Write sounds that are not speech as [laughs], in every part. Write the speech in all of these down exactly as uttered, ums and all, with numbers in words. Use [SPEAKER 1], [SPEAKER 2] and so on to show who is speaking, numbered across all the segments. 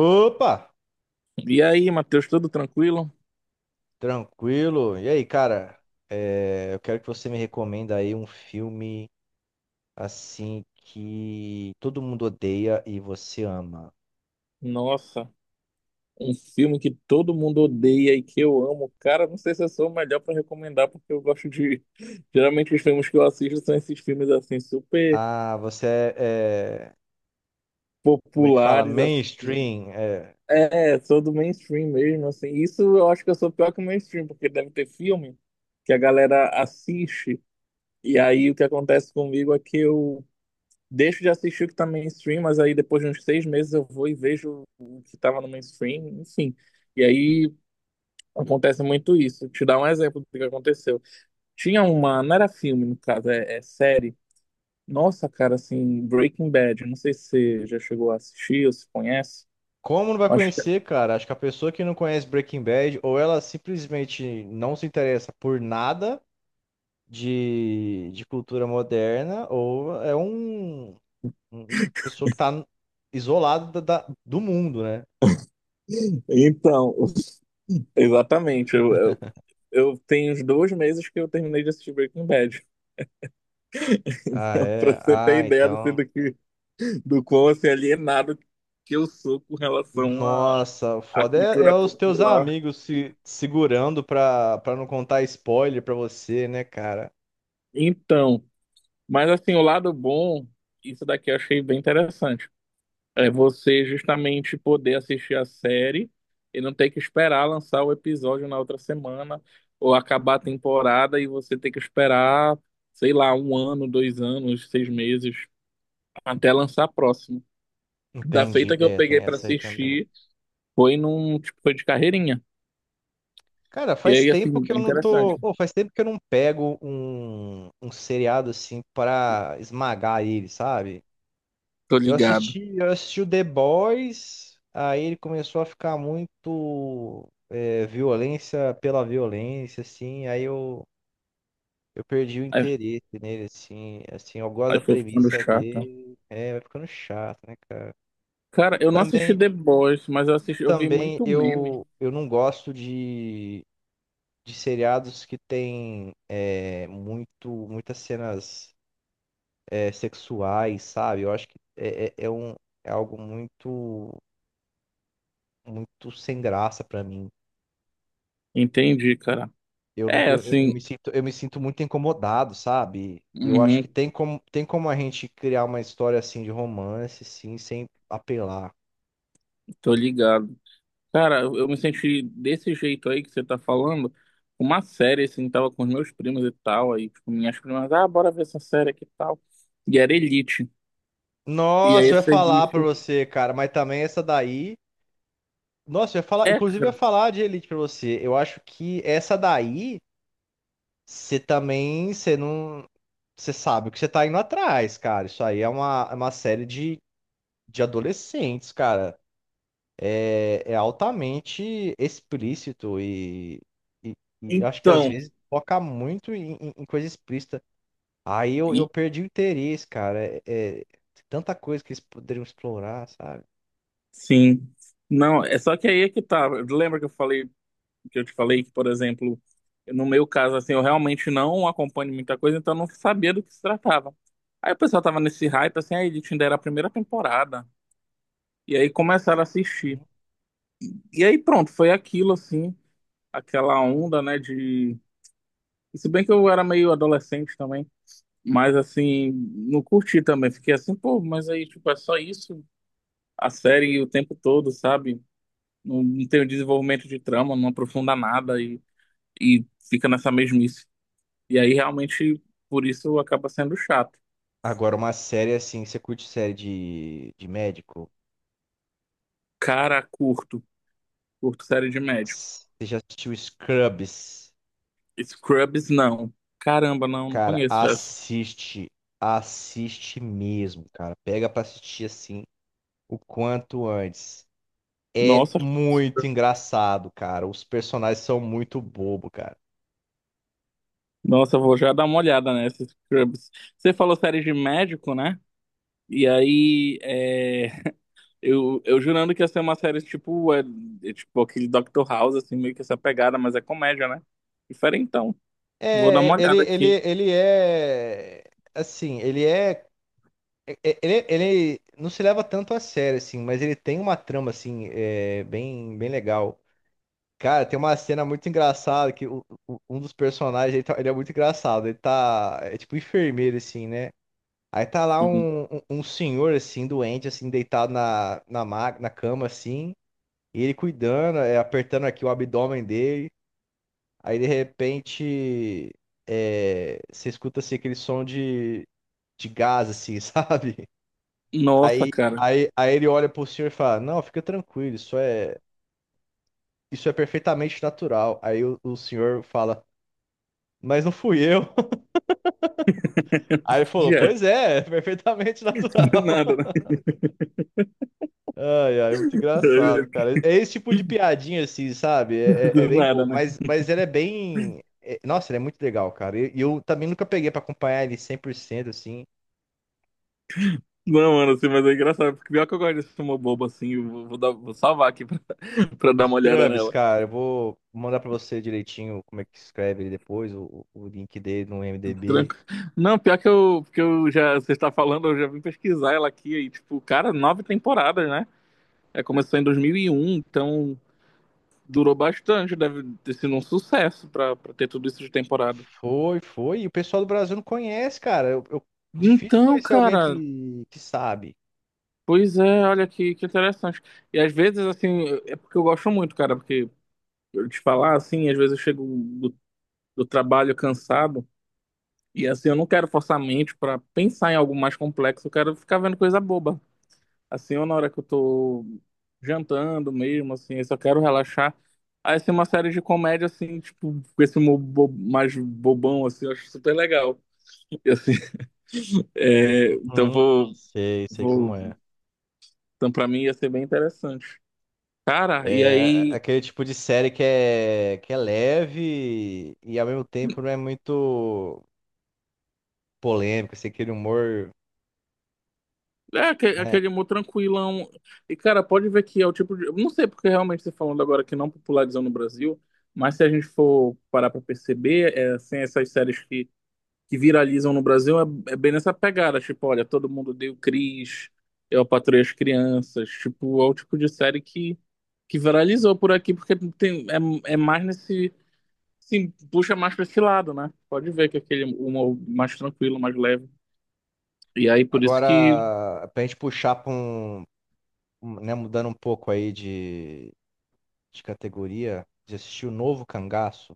[SPEAKER 1] Opa,
[SPEAKER 2] E aí, Matheus, tudo tranquilo?
[SPEAKER 1] tranquilo. E aí, cara? É, eu quero que você me recomenda aí um filme assim que todo mundo odeia e você ama.
[SPEAKER 2] Nossa, um filme que todo mundo odeia e que eu amo. Cara, não sei se eu sou o melhor pra recomendar, porque eu gosto de. [laughs] Geralmente os filmes que eu assisto são esses filmes assim, super
[SPEAKER 1] Ah, você é, é, como é que fala?
[SPEAKER 2] populares, assim.
[SPEAKER 1] Mainstream. É.
[SPEAKER 2] É, sou do mainstream mesmo, assim. Isso eu acho que eu sou pior que o mainstream, porque deve ter filme que a galera assiste. E aí o que acontece comigo é que eu deixo de assistir o que tá mainstream, mas aí depois de uns seis meses eu vou e vejo o que tava no mainstream, enfim. E aí acontece muito isso. Te dar um exemplo do que aconteceu. Tinha uma, não era filme, no caso, é, é série. Nossa, cara, assim, Breaking Bad. Não sei se você já chegou a assistir ou se conhece.
[SPEAKER 1] Como não vai
[SPEAKER 2] Acho que...
[SPEAKER 1] conhecer,
[SPEAKER 2] [clears throat]
[SPEAKER 1] cara? Acho que a pessoa que não conhece Breaking Bad, ou ela simplesmente não se interessa por nada de, de cultura moderna, ou é um, um pessoa que tá isolada da- da- do mundo, né?
[SPEAKER 2] [laughs] Então, [laughs] exatamente. Eu, eu, eu tenho uns dois meses que eu terminei de assistir Breaking Bad.
[SPEAKER 1] Ah,
[SPEAKER 2] [laughs] Pra
[SPEAKER 1] é?
[SPEAKER 2] você
[SPEAKER 1] Ah,
[SPEAKER 2] ter ideia assim,
[SPEAKER 1] então.
[SPEAKER 2] do que, do quão assim, alienado que eu sou com relação à,
[SPEAKER 1] Nossa, o
[SPEAKER 2] à
[SPEAKER 1] foda é, é
[SPEAKER 2] cultura
[SPEAKER 1] os teus
[SPEAKER 2] popular.
[SPEAKER 1] amigos se segurando pra, pra não contar spoiler pra você, né, cara?
[SPEAKER 2] Então, mas assim, o lado bom, isso daqui eu achei bem interessante. É você justamente poder assistir a série e não ter que esperar lançar o episódio na outra semana ou acabar a temporada e você ter que esperar, sei lá, um ano, dois anos, seis meses até lançar a próxima. Da
[SPEAKER 1] Entendi.
[SPEAKER 2] feita que eu
[SPEAKER 1] É,
[SPEAKER 2] peguei
[SPEAKER 1] tem
[SPEAKER 2] pra
[SPEAKER 1] essa aí também.
[SPEAKER 2] assistir foi num tipo foi de carreirinha.
[SPEAKER 1] Cara,
[SPEAKER 2] E
[SPEAKER 1] faz
[SPEAKER 2] aí
[SPEAKER 1] tempo
[SPEAKER 2] assim,
[SPEAKER 1] que
[SPEAKER 2] é
[SPEAKER 1] eu não
[SPEAKER 2] interessante.
[SPEAKER 1] tô. Pô, faz tempo que eu não pego um, um seriado assim pra esmagar ele, sabe?
[SPEAKER 2] Tô
[SPEAKER 1] Eu
[SPEAKER 2] ligado.
[SPEAKER 1] assisti, eu assisti o The Boys, aí ele começou a ficar muito é, violência pela violência, assim. Aí eu. Eu perdi o
[SPEAKER 2] Aí,
[SPEAKER 1] interesse nele, assim, assim, eu gosto
[SPEAKER 2] aí
[SPEAKER 1] da
[SPEAKER 2] foi ficando
[SPEAKER 1] premissa
[SPEAKER 2] chato.
[SPEAKER 1] dele, é, vai ficando chato, né, cara?
[SPEAKER 2] Cara,
[SPEAKER 1] E
[SPEAKER 2] eu não assisti
[SPEAKER 1] também,
[SPEAKER 2] The Boys, mas eu
[SPEAKER 1] eu
[SPEAKER 2] assisti, eu vi
[SPEAKER 1] também,
[SPEAKER 2] muito
[SPEAKER 1] eu,
[SPEAKER 2] meme.
[SPEAKER 1] eu não gosto de, de seriados que tem é, muito, muitas cenas é, sexuais, sabe? Eu acho que é, é, é um, é algo muito, muito sem graça pra mim.
[SPEAKER 2] Entendi, cara.
[SPEAKER 1] Eu não,
[SPEAKER 2] É
[SPEAKER 1] eu, eu eu
[SPEAKER 2] assim,
[SPEAKER 1] me sinto, eu me sinto muito incomodado, sabe? E eu acho
[SPEAKER 2] uhum,
[SPEAKER 1] que tem como, tem como a gente criar uma história assim de romance, sim, sem apelar.
[SPEAKER 2] tô ligado. Cara, eu eu me senti desse jeito aí que você tá falando. Uma série, assim, tava com os meus primos e tal. Aí, tipo, minhas primas, ah, bora ver essa série aqui e tal. E era Elite. E aí,
[SPEAKER 1] Nossa, eu ia
[SPEAKER 2] essa
[SPEAKER 1] falar pra
[SPEAKER 2] Elite.
[SPEAKER 1] você, cara, mas também essa daí. Nossa, eu ia falar,
[SPEAKER 2] É,
[SPEAKER 1] inclusive eu ia
[SPEAKER 2] cara.
[SPEAKER 1] falar de Elite pra você. Eu acho que essa daí, você também, você não, você sabe o que você tá indo atrás, cara. Isso aí é uma, é uma série de, de adolescentes, cara. é é altamente explícito e, e- e acho que às
[SPEAKER 2] Então,
[SPEAKER 1] vezes foca muito em, em- em coisa explícita. Aí eu, eu
[SPEAKER 2] e-
[SPEAKER 1] perdi o interesse, cara. É, é tanta coisa que eles poderiam explorar, sabe?
[SPEAKER 2] sim. Não, é só que aí é que tá. Lembra que eu falei, que eu te falei que, por exemplo, no meu caso, assim, eu realmente não acompanho muita coisa, então eu não sabia do que se tratava. Aí o pessoal tava nesse hype, assim, a Elite ainda era a primeira temporada. E aí começaram a assistir. E aí pronto, foi aquilo assim, aquela onda, né, de... e se bem que eu era meio adolescente também, mas assim, não curti também. Fiquei assim, pô, mas aí, tipo, é só isso? A série o tempo todo, sabe? Não, não tem o desenvolvimento de trama, não aprofunda nada e, e fica nessa mesmice. E aí realmente, por isso acaba sendo chato.
[SPEAKER 1] Agora, uma série assim, você curte série de, de médico?
[SPEAKER 2] Cara, curto. Curto série de médico.
[SPEAKER 1] Você já assistiu Scrubs?
[SPEAKER 2] Scrubs, não. Caramba, não, não
[SPEAKER 1] Cara,
[SPEAKER 2] conheço essa.
[SPEAKER 1] assiste. Assiste mesmo, cara. Pega pra assistir assim o quanto antes. É
[SPEAKER 2] Nossa,
[SPEAKER 1] muito engraçado, cara. Os personagens são muito bobo, cara.
[SPEAKER 2] Nossa, eu vou já dar uma olhada nessa Scrubs. Você falou série de médico, né? E aí, é, eu, eu jurando que ia ser uma série tipo, é, é tipo aquele Doctor House, assim, meio que essa pegada, mas é comédia, né? Diferentão. Vou dar
[SPEAKER 1] É,
[SPEAKER 2] uma
[SPEAKER 1] ele,
[SPEAKER 2] olhada
[SPEAKER 1] ele,
[SPEAKER 2] aqui.
[SPEAKER 1] ele é assim, ele é, é- é, ele, ele não se leva tanto a sério assim, mas ele tem uma trama assim, é, bem, bem legal. Cara, tem uma cena muito engraçada que o- o- um dos personagens, ele, tá- ele é muito engraçado, ele tá, é tipo enfermeiro assim, né? Aí tá lá
[SPEAKER 2] Sim.
[SPEAKER 1] um, um, um senhor assim, doente assim, deitado na, na, ma- na cama assim. E ele cuidando, é, apertando aqui o abdômen dele. Aí de repente é, você escuta assim, aquele som de, de gás, assim, [laughs] sabe?
[SPEAKER 2] Nossa,
[SPEAKER 1] Aí,
[SPEAKER 2] cara.
[SPEAKER 1] aí, aí ele olha pro senhor e fala: Não, fica tranquilo, isso é, isso é perfeitamente natural. Aí o, o senhor fala: Mas não fui eu. [laughs] Aí
[SPEAKER 2] [laughs]
[SPEAKER 1] ele falou:
[SPEAKER 2] Yeah,
[SPEAKER 1] Pois é, é perfeitamente [laughs]
[SPEAKER 2] do
[SPEAKER 1] natural.
[SPEAKER 2] nada,
[SPEAKER 1] Ai, ai, é muito engraçado,
[SPEAKER 2] né?
[SPEAKER 1] cara. É esse tipo de piadinha, assim, sabe? É, é- é
[SPEAKER 2] Do
[SPEAKER 1] bem
[SPEAKER 2] nada,
[SPEAKER 1] bobo,
[SPEAKER 2] né?
[SPEAKER 1] mas, mas ele é bem. É- nossa, ele é muito legal, cara. E e eu, também nunca peguei pra acompanhar ele cem por cento, assim.
[SPEAKER 2] Não, mano, assim, mas é engraçado, porque pior que eu gosto desse filme bobo, assim, eu vou, vou dar- vou salvar aqui pra, [laughs] pra dar uma olhada
[SPEAKER 1] Scrubs,
[SPEAKER 2] nela.
[SPEAKER 1] cara, eu vou mandar pra você direitinho como é que escreve ele depois, o, o o link dele no IMDb.
[SPEAKER 2] Tranquilo. Não, pior que eu, que eu já, você está falando, eu já vim pesquisar ela aqui, e tipo, cara, nove temporadas, né? É, começou em dois mil e um, então durou bastante, deve ter sido um sucesso pra, pra, ter tudo isso de temporada.
[SPEAKER 1] Foi, foi. E o pessoal do Brasil não conhece, cara. Eu, eu- difícil
[SPEAKER 2] Então,
[SPEAKER 1] conhecer alguém
[SPEAKER 2] cara,
[SPEAKER 1] que, que sabe.
[SPEAKER 2] pois é, olha que, que interessante. E às vezes, assim, é porque eu gosto muito, cara, porque eu te falar, assim, às vezes eu chego do, do trabalho cansado, e assim, eu não quero forçar a mente pra pensar em algo mais complexo, eu quero ficar vendo coisa boba. Assim, ou na hora que eu tô jantando mesmo, assim, eu só quero relaxar. Aí, assim, uma série de comédia, assim, tipo, com esse humor bo- mais bobão, assim, eu acho super legal. E, assim, [laughs] é, então
[SPEAKER 1] Uhum.
[SPEAKER 2] vou,
[SPEAKER 1] Sei, sei como
[SPEAKER 2] vou...
[SPEAKER 1] é.
[SPEAKER 2] Então, pra mim ia ser bem interessante. Cara, e
[SPEAKER 1] É
[SPEAKER 2] aí...
[SPEAKER 1] aquele tipo de série que é, que é leve e ao mesmo tempo não é muito polêmico, assim, aquele humor,
[SPEAKER 2] É, aquele,
[SPEAKER 1] né?
[SPEAKER 2] aquele humor tranquilão. E, cara, pode ver que é o tipo de. Eu Não sei porque realmente você falando agora que não popularizou no Brasil, mas se a gente for parar pra perceber, é, assim, essas séries que, que viralizam no Brasil é, é bem nessa pegada. Tipo, olha, Todo Mundo Odeia o Chris, eu patroei as crianças. Tipo, é o tipo de série que, que viralizou por aqui, porque tem, é, é mais nesse. Sim, puxa mais pra esse lado, né? Pode ver que é aquele humor mais tranquilo, mais leve. E aí, por isso que
[SPEAKER 1] Agora, pra gente puxar pra um, um, né, mudando um pouco aí de, de categoria, de assistir o Novo Cangaço.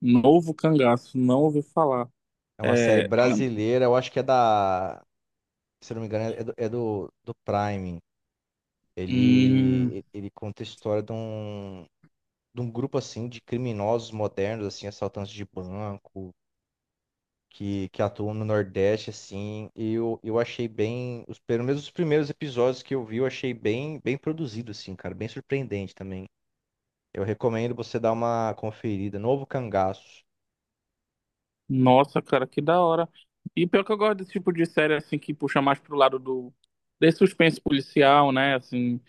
[SPEAKER 2] Novo Cangaço, não ouvi falar.
[SPEAKER 1] É uma série
[SPEAKER 2] É,
[SPEAKER 1] brasileira, eu acho que é da, se eu não me engano, é do, é do, do Prime.
[SPEAKER 2] hum,
[SPEAKER 1] Ele, ele conta a história de um, de um, grupo, assim, de criminosos modernos, assim, assaltantes de banco que, que atuam no Nordeste, assim, e eu, eu achei bem, os, pelo menos os primeiros episódios que eu vi, eu achei bem, bem produzido, assim, cara, bem surpreendente também. Eu recomendo você dar uma conferida, Novo Cangaço.
[SPEAKER 2] nossa, cara, que da hora. E pior que eu gosto desse tipo de série, assim, que puxa mais pro lado do... Desse suspense policial, né? Assim,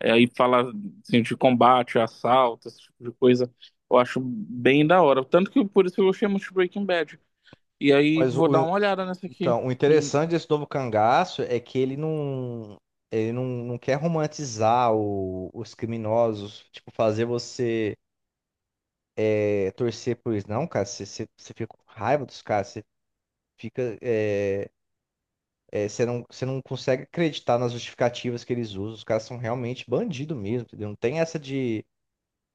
[SPEAKER 2] é, e fala, assim, de combate, assalto, esse tipo de coisa. Eu acho bem da hora. Tanto que por isso eu gostei muito de Breaking Bad. E aí
[SPEAKER 1] Mas
[SPEAKER 2] vou dar
[SPEAKER 1] o,
[SPEAKER 2] uma olhada nessa aqui.
[SPEAKER 1] então, o
[SPEAKER 2] Hum,
[SPEAKER 1] interessante desse Novo Cangaço é que ele não, ele não, não quer romantizar o- os criminosos, tipo, fazer você é, torcer por eles. Não, cara, você, você, você fica com raiva dos caras, você fica... eh, É, você não, você não consegue acreditar nas justificativas que eles usam. Os caras são realmente bandido mesmo, entendeu? Não tem essa de,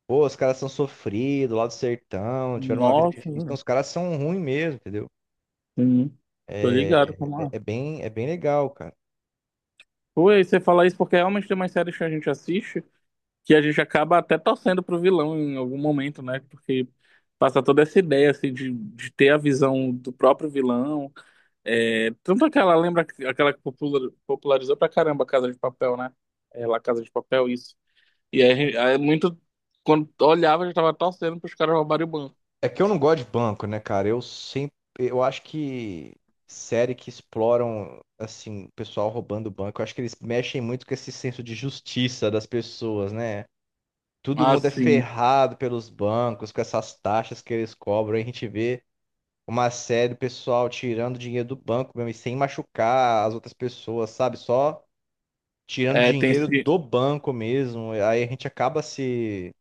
[SPEAKER 1] pô, os caras são sofridos lá do sertão, tiveram uma vida
[SPEAKER 2] Nossa,
[SPEAKER 1] difícil. Não,
[SPEAKER 2] cara.
[SPEAKER 1] os caras são ruins mesmo, entendeu?
[SPEAKER 2] Sim, tô ligado
[SPEAKER 1] É,
[SPEAKER 2] como
[SPEAKER 1] é,
[SPEAKER 2] é.
[SPEAKER 1] é bem, é bem legal, cara.
[SPEAKER 2] Pô, e você fala isso porque realmente tem umas séries que a gente assiste que a gente acaba até torcendo pro vilão em algum momento, né? Porque passa toda essa ideia assim de, de ter a visão do próprio vilão. É, tanto aquela, lembra aquela que popular- popularizou pra caramba a Casa de Papel, né? É, lá Casa de Papel, isso. E aí, a gente- aí muito quando olhava, já tava torcendo pros caras roubarem o banco.
[SPEAKER 1] É que eu não gosto de banco, né, cara? Eu sempre, eu acho que série que exploram, assim, o pessoal roubando banco, eu acho que eles mexem muito com esse senso de justiça das pessoas, né? Todo mundo é
[SPEAKER 2] Assim,
[SPEAKER 1] ferrado pelos bancos com essas taxas que eles cobram. Aí a gente vê uma série do pessoal tirando dinheiro do banco mesmo e sem machucar as outras pessoas, sabe? Só tirando
[SPEAKER 2] é, tem
[SPEAKER 1] dinheiro
[SPEAKER 2] se,
[SPEAKER 1] do banco mesmo. Aí a gente acaba se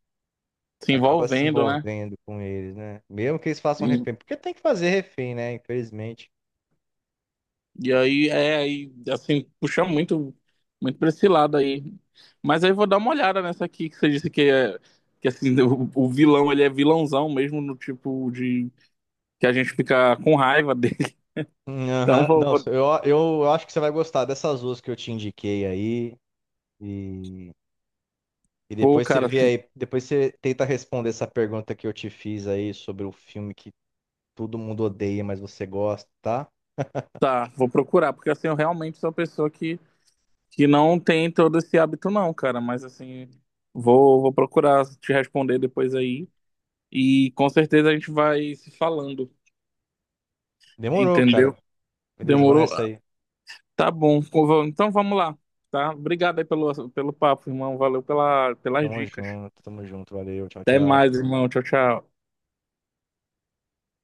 [SPEAKER 2] se
[SPEAKER 1] acaba se
[SPEAKER 2] envolvendo, né?
[SPEAKER 1] envolvendo com eles, né? Mesmo que eles façam refém, porque tem que fazer refém, né? Infelizmente.
[SPEAKER 2] E aí, é, aí, assim, puxa muito, muito pra esse lado aí. Mas aí eu vou dar uma olhada nessa aqui que você disse que é, que assim, [laughs] o, o vilão, ele é vilãozão mesmo, no tipo de, que a gente fica com raiva [laughs] dele.
[SPEAKER 1] Hum,
[SPEAKER 2] Então,
[SPEAKER 1] Aham.
[SPEAKER 2] vou,
[SPEAKER 1] Não,
[SPEAKER 2] vou,
[SPEAKER 1] eu, eu, acho que você vai gostar dessas duas que eu te indiquei aí. E E
[SPEAKER 2] vou,
[SPEAKER 1] depois você
[SPEAKER 2] cara,
[SPEAKER 1] vê
[SPEAKER 2] assim,
[SPEAKER 1] aí, depois você tenta responder essa pergunta que eu te fiz aí sobre o filme que todo mundo odeia, mas você gosta, tá?
[SPEAKER 2] tá, vou procurar, porque assim, eu realmente sou uma pessoa que, que não tem todo esse hábito não, cara, mas assim, vou, vou procurar te responder depois aí. E com certeza a gente vai se falando,
[SPEAKER 1] Demorou, cara.
[SPEAKER 2] entendeu?
[SPEAKER 1] Beleza, eu vou
[SPEAKER 2] Demorou?
[SPEAKER 1] nessa aí.
[SPEAKER 2] Tá bom. Então vamos lá, tá? Obrigado aí pelo, pelo papo, irmão. Valeu pela, pelas
[SPEAKER 1] Tamo
[SPEAKER 2] dicas.
[SPEAKER 1] junto, tamo junto, valeu, tchau,
[SPEAKER 2] Até mais,
[SPEAKER 1] tchau.
[SPEAKER 2] irmão. Tchau, tchau.